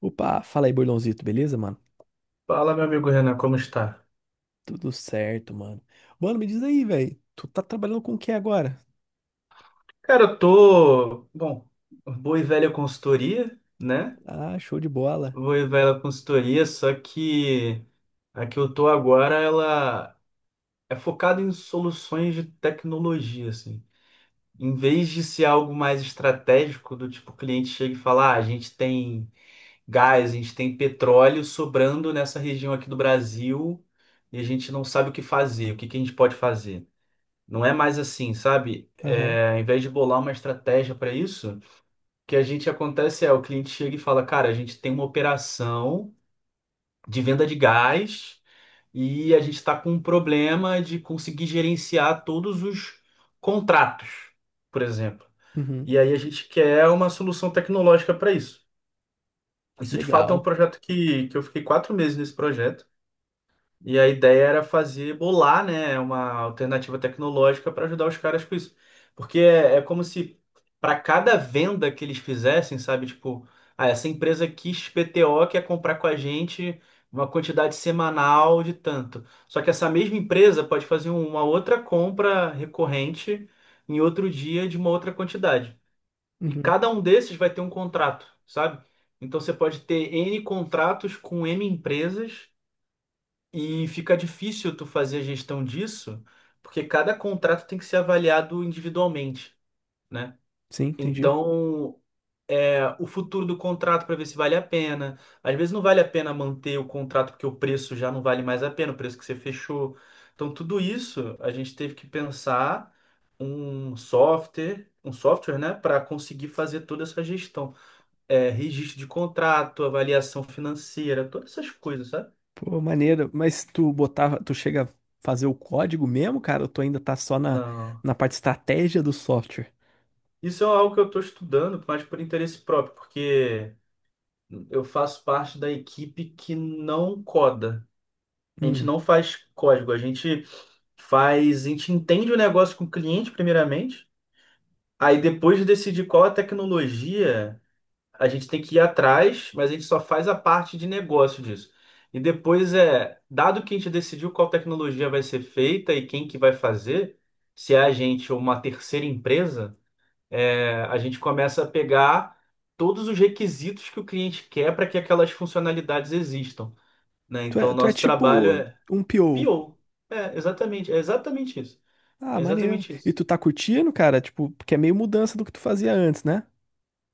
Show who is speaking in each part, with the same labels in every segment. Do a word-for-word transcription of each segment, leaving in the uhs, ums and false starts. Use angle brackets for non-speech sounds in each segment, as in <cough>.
Speaker 1: Opa, fala aí, Bordãozito, beleza, mano?
Speaker 2: Fala, meu amigo Renan, como está?
Speaker 1: Tudo certo, mano. Mano, me diz aí, velho. Tu tá trabalhando com o que agora?
Speaker 2: Cara, eu tô, bom, boa e velha consultoria, né?
Speaker 1: Ah, show de bola.
Speaker 2: Boa e velha consultoria, só que a que eu tô agora, ela é focada em soluções de tecnologia, assim. Em vez de ser algo mais estratégico, do tipo, o cliente chega e fala, ah, a gente tem gás, a gente tem petróleo sobrando nessa região aqui do Brasil e a gente não sabe o que fazer, o que que a gente pode fazer. Não é mais assim, sabe?
Speaker 1: Aham.
Speaker 2: É, ao invés de bolar uma estratégia para isso, o que a gente acontece é o cliente chega e fala, cara, a gente tem uma operação de venda de gás e a gente está com um problema de conseguir gerenciar todos os contratos, por exemplo.
Speaker 1: Uhum.
Speaker 2: E aí a gente quer uma solução tecnológica para isso. Isso de fato é um
Speaker 1: Legal.
Speaker 2: projeto que, que eu fiquei quatro meses nesse projeto. E a ideia era fazer, bolar, né, uma alternativa tecnológica para ajudar os caras com isso. Porque é, é como se para cada venda que eles fizessem, sabe, tipo, ah, essa empresa X P T O quer comprar com a gente uma quantidade semanal de tanto. Só que essa mesma empresa pode fazer um, uma outra compra recorrente em outro dia de uma outra quantidade. E
Speaker 1: Uhum.
Speaker 2: cada um desses vai ter um contrato, sabe? Então você pode ter N contratos com N empresas e fica difícil tu fazer a gestão disso, porque cada contrato tem que ser avaliado individualmente, né?
Speaker 1: Sim, entendi.
Speaker 2: Então, é, o futuro do contrato para ver se vale a pena. Às vezes não vale a pena manter o contrato porque o preço já não vale mais a pena, o preço que você fechou. Então, tudo isso a gente teve que pensar um software, um software, né, para conseguir fazer toda essa gestão. É, registro de contrato, avaliação financeira, todas essas coisas, sabe?
Speaker 1: Pô, maneiro. Mas tu botava, tu chega a fazer o código mesmo, cara? Ou tu ainda tá só na,
Speaker 2: Não.
Speaker 1: na parte de estratégia do software?
Speaker 2: Isso é algo que eu estou estudando, mas por interesse próprio, porque eu faço parte da equipe que não coda. A gente
Speaker 1: Hum.
Speaker 2: não faz código, a gente faz, a gente entende o negócio com o cliente primeiramente, aí depois de decidir qual a tecnologia, a gente tem que ir atrás, mas a gente só faz a parte de negócio disso. E depois é, dado que a gente decidiu qual tecnologia vai ser feita e quem que vai fazer, se é a gente ou uma terceira empresa, é, a gente começa a pegar todos os requisitos que o cliente quer para que aquelas funcionalidades existam, né?
Speaker 1: Tu é,
Speaker 2: Então,
Speaker 1: tu é
Speaker 2: nosso trabalho
Speaker 1: tipo
Speaker 2: é
Speaker 1: um P O.
Speaker 2: P O. É, exatamente, é exatamente isso.
Speaker 1: Ah,
Speaker 2: É
Speaker 1: maneiro.
Speaker 2: exatamente
Speaker 1: E
Speaker 2: isso.
Speaker 1: tu tá curtindo, cara? Tipo, porque é meio mudança do que tu fazia antes, né?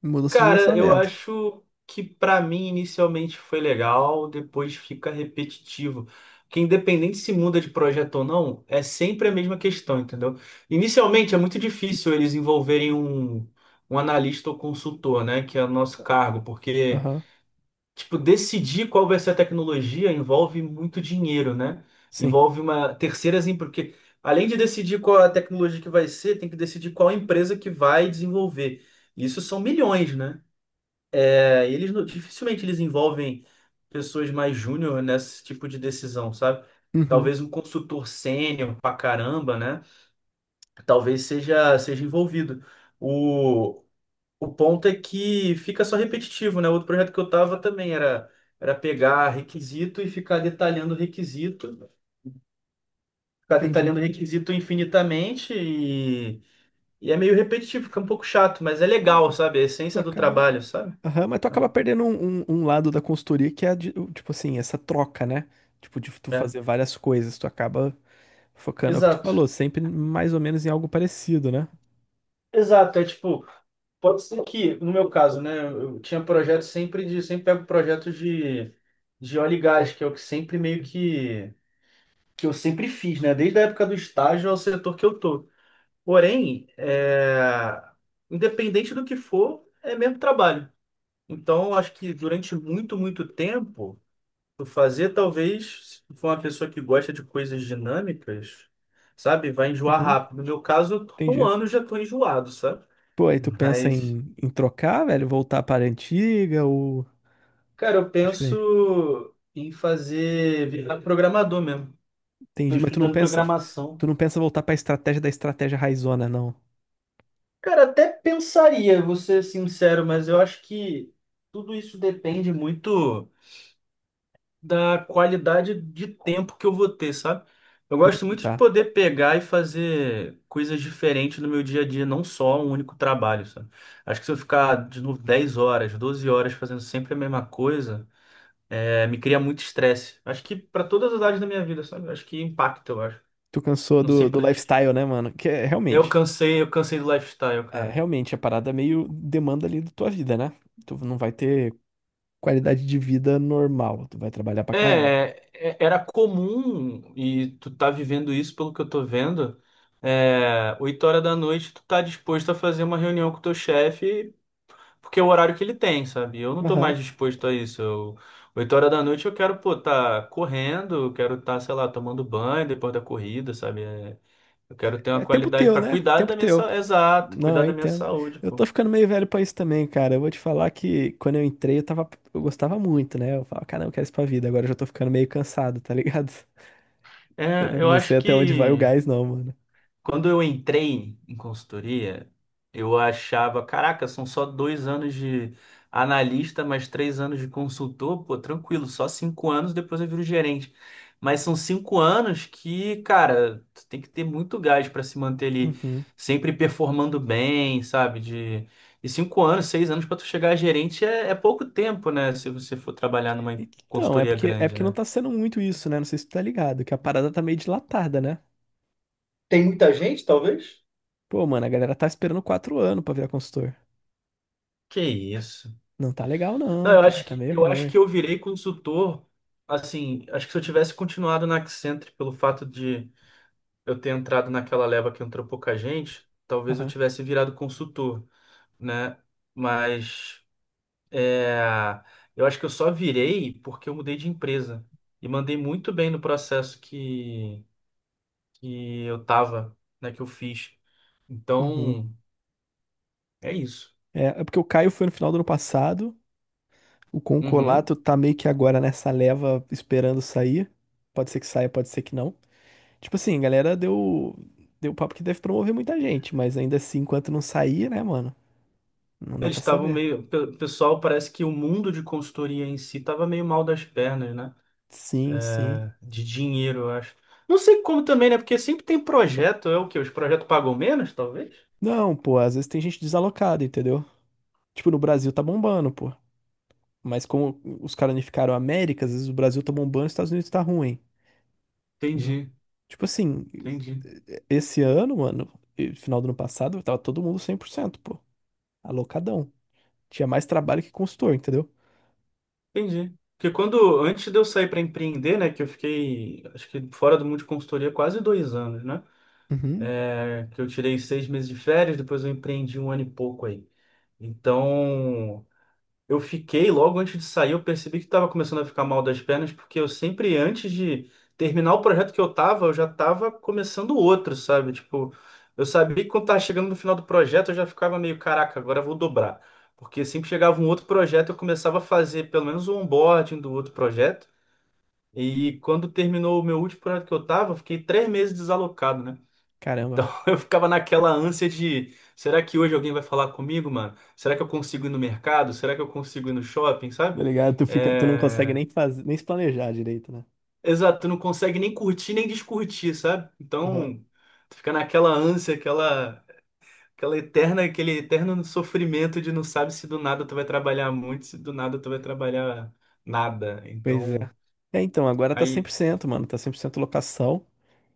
Speaker 1: Mudança de
Speaker 2: Cara, eu
Speaker 1: direcionamento.
Speaker 2: acho que para mim inicialmente foi legal, depois fica repetitivo. Porque independente se muda de projeto ou não, é sempre a mesma questão, entendeu? Inicialmente é muito difícil eles envolverem um, um analista ou consultor, né? Que é o nosso cargo, porque
Speaker 1: Aham.
Speaker 2: tipo, decidir qual vai ser a tecnologia envolve muito dinheiro, né?
Speaker 1: Sim.
Speaker 2: Envolve uma terceira, assim, porque além de decidir qual a tecnologia que vai ser, tem que decidir qual empresa que vai desenvolver. Isso são milhões, né? É, e eles não- dificilmente eles envolvem pessoas mais júnior nesse tipo de decisão, sabe?
Speaker 1: Uhum.
Speaker 2: Talvez um consultor sênior pra caramba, né? Talvez seja seja envolvido. o o ponto é que fica só repetitivo, né? Outro projeto que eu tava também era, era pegar requisito e ficar detalhando requisito, ficar
Speaker 1: Entendi.
Speaker 2: detalhando requisito infinitamente e, e é meio repetitivo, fica um pouco chato, mas é legal, sabe? É a
Speaker 1: Tu
Speaker 2: essência do
Speaker 1: acaba.
Speaker 2: trabalho, sabe?
Speaker 1: Aham, mas tu acaba perdendo um, um- um lado da consultoria que é, de- o- tipo assim, essa troca, né? Tipo, de tu
Speaker 2: É,
Speaker 1: fazer várias coisas, tu acaba focando, é o que tu
Speaker 2: exato.
Speaker 1: falou, sempre mais ou menos em algo parecido, né?
Speaker 2: Exato, é tipo, pode ser que, no meu caso, né, eu tinha projetos sempre de, sempre pego projetos de, de óleo e gás, que é o que sempre meio que, que eu sempre fiz, né, desde a época do estágio ao setor que eu tô. Porém, é, independente do que for, é mesmo trabalho. Então, eu acho que durante muito, muito tempo, tu fazer, talvez, se for uma pessoa que gosta de coisas dinâmicas, sabe, vai enjoar
Speaker 1: Uhum,
Speaker 2: rápido. No meu caso, eu tô- com um
Speaker 1: entendi.
Speaker 2: ano eu já tô enjoado, sabe?
Speaker 1: Pô, aí tu pensa
Speaker 2: Mas,
Speaker 1: em, em trocar, velho, voltar para a antiga ou.
Speaker 2: cara, eu
Speaker 1: Acho que nem.
Speaker 2: penso em fazer virar programador mesmo. Tô
Speaker 1: Entendi, mas tu não
Speaker 2: estudando
Speaker 1: pensa,
Speaker 2: programação.
Speaker 1: tu não pensa voltar para estratégia da estratégia raizona, não.
Speaker 2: Cara, até pensaria, vou ser sincero, mas eu acho que tudo isso depende muito da qualidade de tempo que eu vou ter, sabe? Eu gosto muito de
Speaker 1: Tá.
Speaker 2: poder pegar e fazer coisas diferentes no meu dia a dia, não só um único trabalho, sabe? Acho que se eu ficar, de novo, dez horas, doze horas fazendo sempre a mesma coisa, é, me cria muito estresse. Acho que para todas as áreas da minha vida, sabe? Acho que impacta, eu acho.
Speaker 1: Tu cansou
Speaker 2: Não sei
Speaker 1: do, do
Speaker 2: pra ti.
Speaker 1: lifestyle, né, mano? Que é
Speaker 2: Eu
Speaker 1: realmente.
Speaker 2: cansei, eu cansei do lifestyle,
Speaker 1: É,
Speaker 2: cara.
Speaker 1: realmente, a parada é meio demanda ali da tua vida, né? Tu não vai ter qualidade de vida normal. Tu vai trabalhar pra caramba.
Speaker 2: É, é- era comum, e tu tá vivendo isso pelo que eu tô vendo, é, oito horas da noite tu tá disposto a fazer uma reunião com o teu chefe, porque é o horário que ele tem, sabe? Eu não tô mais
Speaker 1: Aham.
Speaker 2: disposto a isso. Eu, oito horas da noite eu quero, pô, tá correndo, eu quero tá, sei lá, tomando banho depois da corrida, sabe? É, eu quero ter uma
Speaker 1: É tempo
Speaker 2: qualidade
Speaker 1: teu,
Speaker 2: pra
Speaker 1: né?
Speaker 2: cuidar
Speaker 1: Tempo
Speaker 2: da minha
Speaker 1: teu.
Speaker 2: saúde, exato,
Speaker 1: Não,
Speaker 2: cuidar
Speaker 1: eu
Speaker 2: da minha
Speaker 1: entendo.
Speaker 2: saúde,
Speaker 1: Eu tô
Speaker 2: pô.
Speaker 1: ficando meio velho pra isso também, cara. Eu vou te falar que quando eu entrei, eu tava, eu gostava muito, né? Eu falava, caramba, eu quero isso pra vida. Agora eu já tô ficando meio cansado, tá ligado? <laughs> Eu
Speaker 2: É, eu
Speaker 1: não sei
Speaker 2: acho
Speaker 1: até onde vai o
Speaker 2: que.
Speaker 1: gás, não, mano.
Speaker 2: Quando eu entrei em consultoria, eu achava, caraca, são só dois anos de analista, mais três anos de consultor, pô, tranquilo, só cinco anos, depois eu viro gerente. Mas são cinco anos que, cara, tu tem que ter muito gás para se manter ali,
Speaker 1: Uhum.
Speaker 2: sempre performando bem, sabe? De... E cinco anos, seis anos para tu chegar a gerente é, é pouco tempo, né? Se você for trabalhar numa
Speaker 1: Então, é
Speaker 2: consultoria
Speaker 1: porque, é
Speaker 2: grande,
Speaker 1: porque não
Speaker 2: né?
Speaker 1: tá sendo muito isso, né? Não sei se tu tá ligado, que a parada tá meio dilatada, né?
Speaker 2: Tem muita gente, talvez?
Speaker 1: Pô, mano, a galera tá esperando quatro anos pra virar consultor.
Speaker 2: Que isso.
Speaker 1: Não tá legal,
Speaker 2: Não,
Speaker 1: não,
Speaker 2: eu
Speaker 1: cara.
Speaker 2: acho
Speaker 1: Tá
Speaker 2: que
Speaker 1: meio
Speaker 2: eu acho
Speaker 1: ruim.
Speaker 2: que eu virei consultor, assim, acho que se eu tivesse continuado na Accenture pelo fato de eu ter entrado naquela leva que entrou pouca gente, talvez eu
Speaker 1: Aham.
Speaker 2: tivesse virado consultor, né? Mas é, eu acho que eu só virei porque eu mudei de empresa e mandei muito bem no processo que, que eu tava, né, que eu fiz.
Speaker 1: Uhum.
Speaker 2: Então, é isso.
Speaker 1: É, é porque o Caio foi no final do ano passado, o
Speaker 2: Uhum.
Speaker 1: Concolato tá meio que agora nessa leva esperando sair. Pode ser que saia, pode ser que não. Tipo assim, a galera deu, deu papo que deve promover muita gente, mas ainda assim, enquanto não sair, né, mano? Não dá
Speaker 2: Eles
Speaker 1: pra
Speaker 2: estavam
Speaker 1: saber.
Speaker 2: meio. Pe- Pessoal, parece que o mundo de consultoria em si estava meio mal das pernas, né?
Speaker 1: Sim, sim.
Speaker 2: De dinheiro, eu acho. Não sei como também, né? Porque sempre tem projeto. É o quê? Os projetos pagam menos, talvez?
Speaker 1: Não, pô, às vezes tem gente desalocada, entendeu? Tipo, no Brasil tá bombando, pô. Mas como os caras unificaram a América, às vezes o Brasil tá bombando e os Estados Unidos tá ruim, entendeu?
Speaker 2: Entendi,
Speaker 1: Tipo assim,
Speaker 2: entendi.
Speaker 1: esse ano, mano, e final do ano passado, tava todo mundo cem por cento pô. Alocadão. Tinha mais trabalho que consultor, entendeu?
Speaker 2: Entendi. Porque quando, antes de eu sair para empreender, né? Que eu fiquei, acho que fora do mundo de consultoria quase dois anos, né?
Speaker 1: Uhum.
Speaker 2: É, que eu tirei seis meses de férias, depois eu empreendi um ano e pouco aí. Então, Eu fiquei, logo antes de sair, eu percebi que estava começando a ficar mal das pernas, porque eu sempre, antes de terminar o projeto que eu tava, eu já tava começando outro, sabe? Tipo, eu sabia que quando tava chegando no final do projeto, eu já ficava meio, caraca, agora eu vou dobrar. Porque sempre chegava um outro projeto, eu começava a fazer pelo menos o onboarding do outro projeto. E quando terminou o meu último projeto que eu tava, eu fiquei três meses desalocado, né?
Speaker 1: Caramba.
Speaker 2: Então <laughs> eu ficava naquela ânsia de, será que hoje alguém vai falar comigo, mano? Será que eu consigo ir no mercado? Será que eu consigo ir no shopping,
Speaker 1: Tá
Speaker 2: sabe?
Speaker 1: ligado? Tu fica, tu não consegue
Speaker 2: É...
Speaker 1: nem fazer, nem se planejar direito, né?
Speaker 2: Exato, tu não consegue nem curtir nem descurtir, sabe?
Speaker 1: Aham.
Speaker 2: Então tu fica naquela ânsia, aquela, aquela eterna, aquele eterno sofrimento de não sabe se do nada tu vai trabalhar muito, se do nada tu vai trabalhar nada.
Speaker 1: Pois é.
Speaker 2: Então
Speaker 1: É, então, agora tá cem por
Speaker 2: aí
Speaker 1: cento mano. Tá cem por cento locação.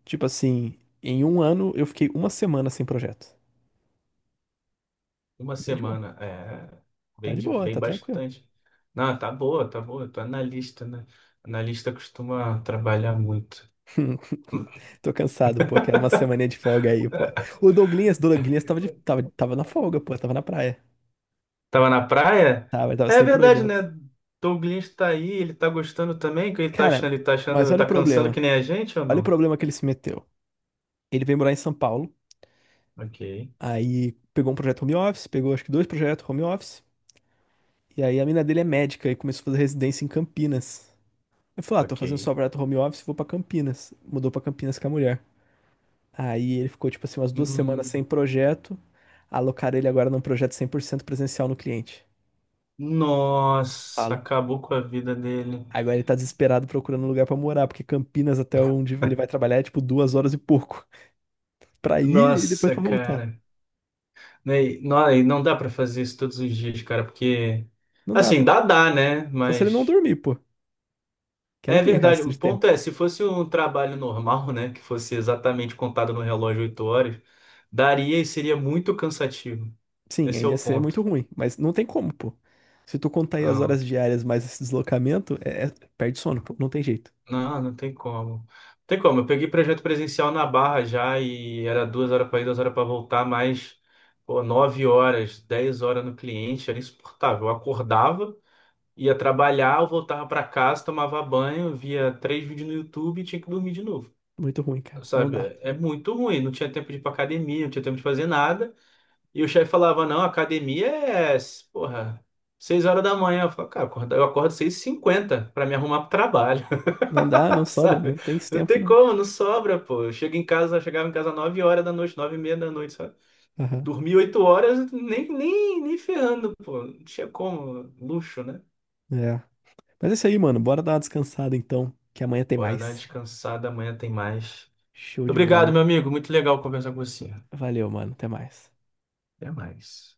Speaker 1: Tipo assim, em um ano eu fiquei uma semana sem projeto.
Speaker 2: uma
Speaker 1: Bem de boa.
Speaker 2: semana, é,
Speaker 1: Tá
Speaker 2: vem,
Speaker 1: de
Speaker 2: de,
Speaker 1: boa,
Speaker 2: vem
Speaker 1: tá tranquilo.
Speaker 2: bastante. Não, tá boa, tá boa, tô analista, né? Analista costuma trabalhar muito.
Speaker 1: <laughs> Tô cansado, pô. Quero uma semaninha de folga aí, pô. O Douglinhas, Douglinhas tava, de, tava, tava na folga, pô. Tava na praia.
Speaker 2: Tava na praia?
Speaker 1: Tava, ele tava
Speaker 2: É
Speaker 1: sem
Speaker 2: verdade, né?
Speaker 1: projeto.
Speaker 2: Douglas tá aí, ele tá gostando também, o que ele tá
Speaker 1: Cara,
Speaker 2: achando? Ele tá
Speaker 1: mas
Speaker 2: achando,
Speaker 1: olha o
Speaker 2: tá cansando
Speaker 1: problema.
Speaker 2: que nem a gente ou
Speaker 1: Olha o
Speaker 2: não?
Speaker 1: problema que ele se meteu. Ele veio morar em São Paulo,
Speaker 2: Ok,
Speaker 1: aí pegou um projeto home office, pegou acho que dois projetos home office, e aí a mina dele é médica e começou a fazer residência em Campinas. Ele falou, ah, tô
Speaker 2: ok.
Speaker 1: fazendo só projeto home office, vou pra Campinas. Mudou pra Campinas com a mulher. Aí ele ficou, tipo assim, umas duas semanas sem
Speaker 2: Hum,
Speaker 1: projeto, alocaram ele agora num projeto cem por cento presencial no cliente. Isso.
Speaker 2: nossa,
Speaker 1: Falo.
Speaker 2: acabou com a vida dele.
Speaker 1: Agora ele tá desesperado procurando um lugar pra morar, porque Campinas até onde ele vai trabalhar é tipo duas horas e pouco. Pra ir e depois
Speaker 2: Nossa,
Speaker 1: pra voltar.
Speaker 2: cara. Né, e- não, e não dá pra fazer isso todos os dias, cara, porque...
Speaker 1: Não dá,
Speaker 2: Assim,
Speaker 1: pô.
Speaker 2: dá, dá, né?
Speaker 1: Só se ele não
Speaker 2: Mas...
Speaker 1: dormir, pô. Que não
Speaker 2: É
Speaker 1: tem
Speaker 2: verdade.
Speaker 1: resto
Speaker 2: O
Speaker 1: de
Speaker 2: ponto
Speaker 1: tempo.
Speaker 2: é, se fosse um trabalho normal, né, que fosse exatamente contado no relógio oito horas, daria e seria muito cansativo.
Speaker 1: Sim,
Speaker 2: Esse é
Speaker 1: ainda ia
Speaker 2: o
Speaker 1: ser muito
Speaker 2: ponto.
Speaker 1: ruim, mas não tem como, pô. Se tu contar aí as
Speaker 2: Ah,
Speaker 1: horas diárias mais esse deslocamento, é, é- perde sono, pô. Não tem jeito.
Speaker 2: não, não tem como. Não tem como. Eu peguei projeto presencial na Barra já e era duas horas para ir, duas horas para voltar, mais pô, nove horas, dez horas no cliente, era insuportável. Eu acordava, ia trabalhar, eu voltava para casa, tomava banho, via três vídeos no YouTube e tinha que dormir de novo.
Speaker 1: Muito ruim, cara. Não dá.
Speaker 2: Sabe, é muito ruim. Não tinha tempo de ir pra academia, não tinha tempo de fazer nada. E o chefe falava, não, academia é, porra, seis horas da manhã. Eu falava, cara, eu acordo eu acordo seis e cinquenta pra me arrumar pro trabalho,
Speaker 1: Não dá, não
Speaker 2: <laughs>
Speaker 1: sobra,
Speaker 2: sabe?
Speaker 1: não tem esse
Speaker 2: Não
Speaker 1: tempo,
Speaker 2: tem
Speaker 1: não.
Speaker 2: como, não sobra, pô. Eu chego em casa, eu chegava em casa nove horas da noite, nove e meia da noite, sabe?
Speaker 1: Aham.
Speaker 2: Dormi oito horas, nem, nem, nem ferrando, pô. Não tinha como, luxo, né?
Speaker 1: É. Mas é isso aí, mano. Bora dar uma descansada então, que amanhã tem
Speaker 2: Bora dar uma
Speaker 1: mais.
Speaker 2: descansada, amanhã tem mais.
Speaker 1: Show de
Speaker 2: Obrigado,
Speaker 1: bola.
Speaker 2: meu amigo. Muito legal conversar com você.
Speaker 1: Valeu, mano. Até mais.
Speaker 2: Até mais.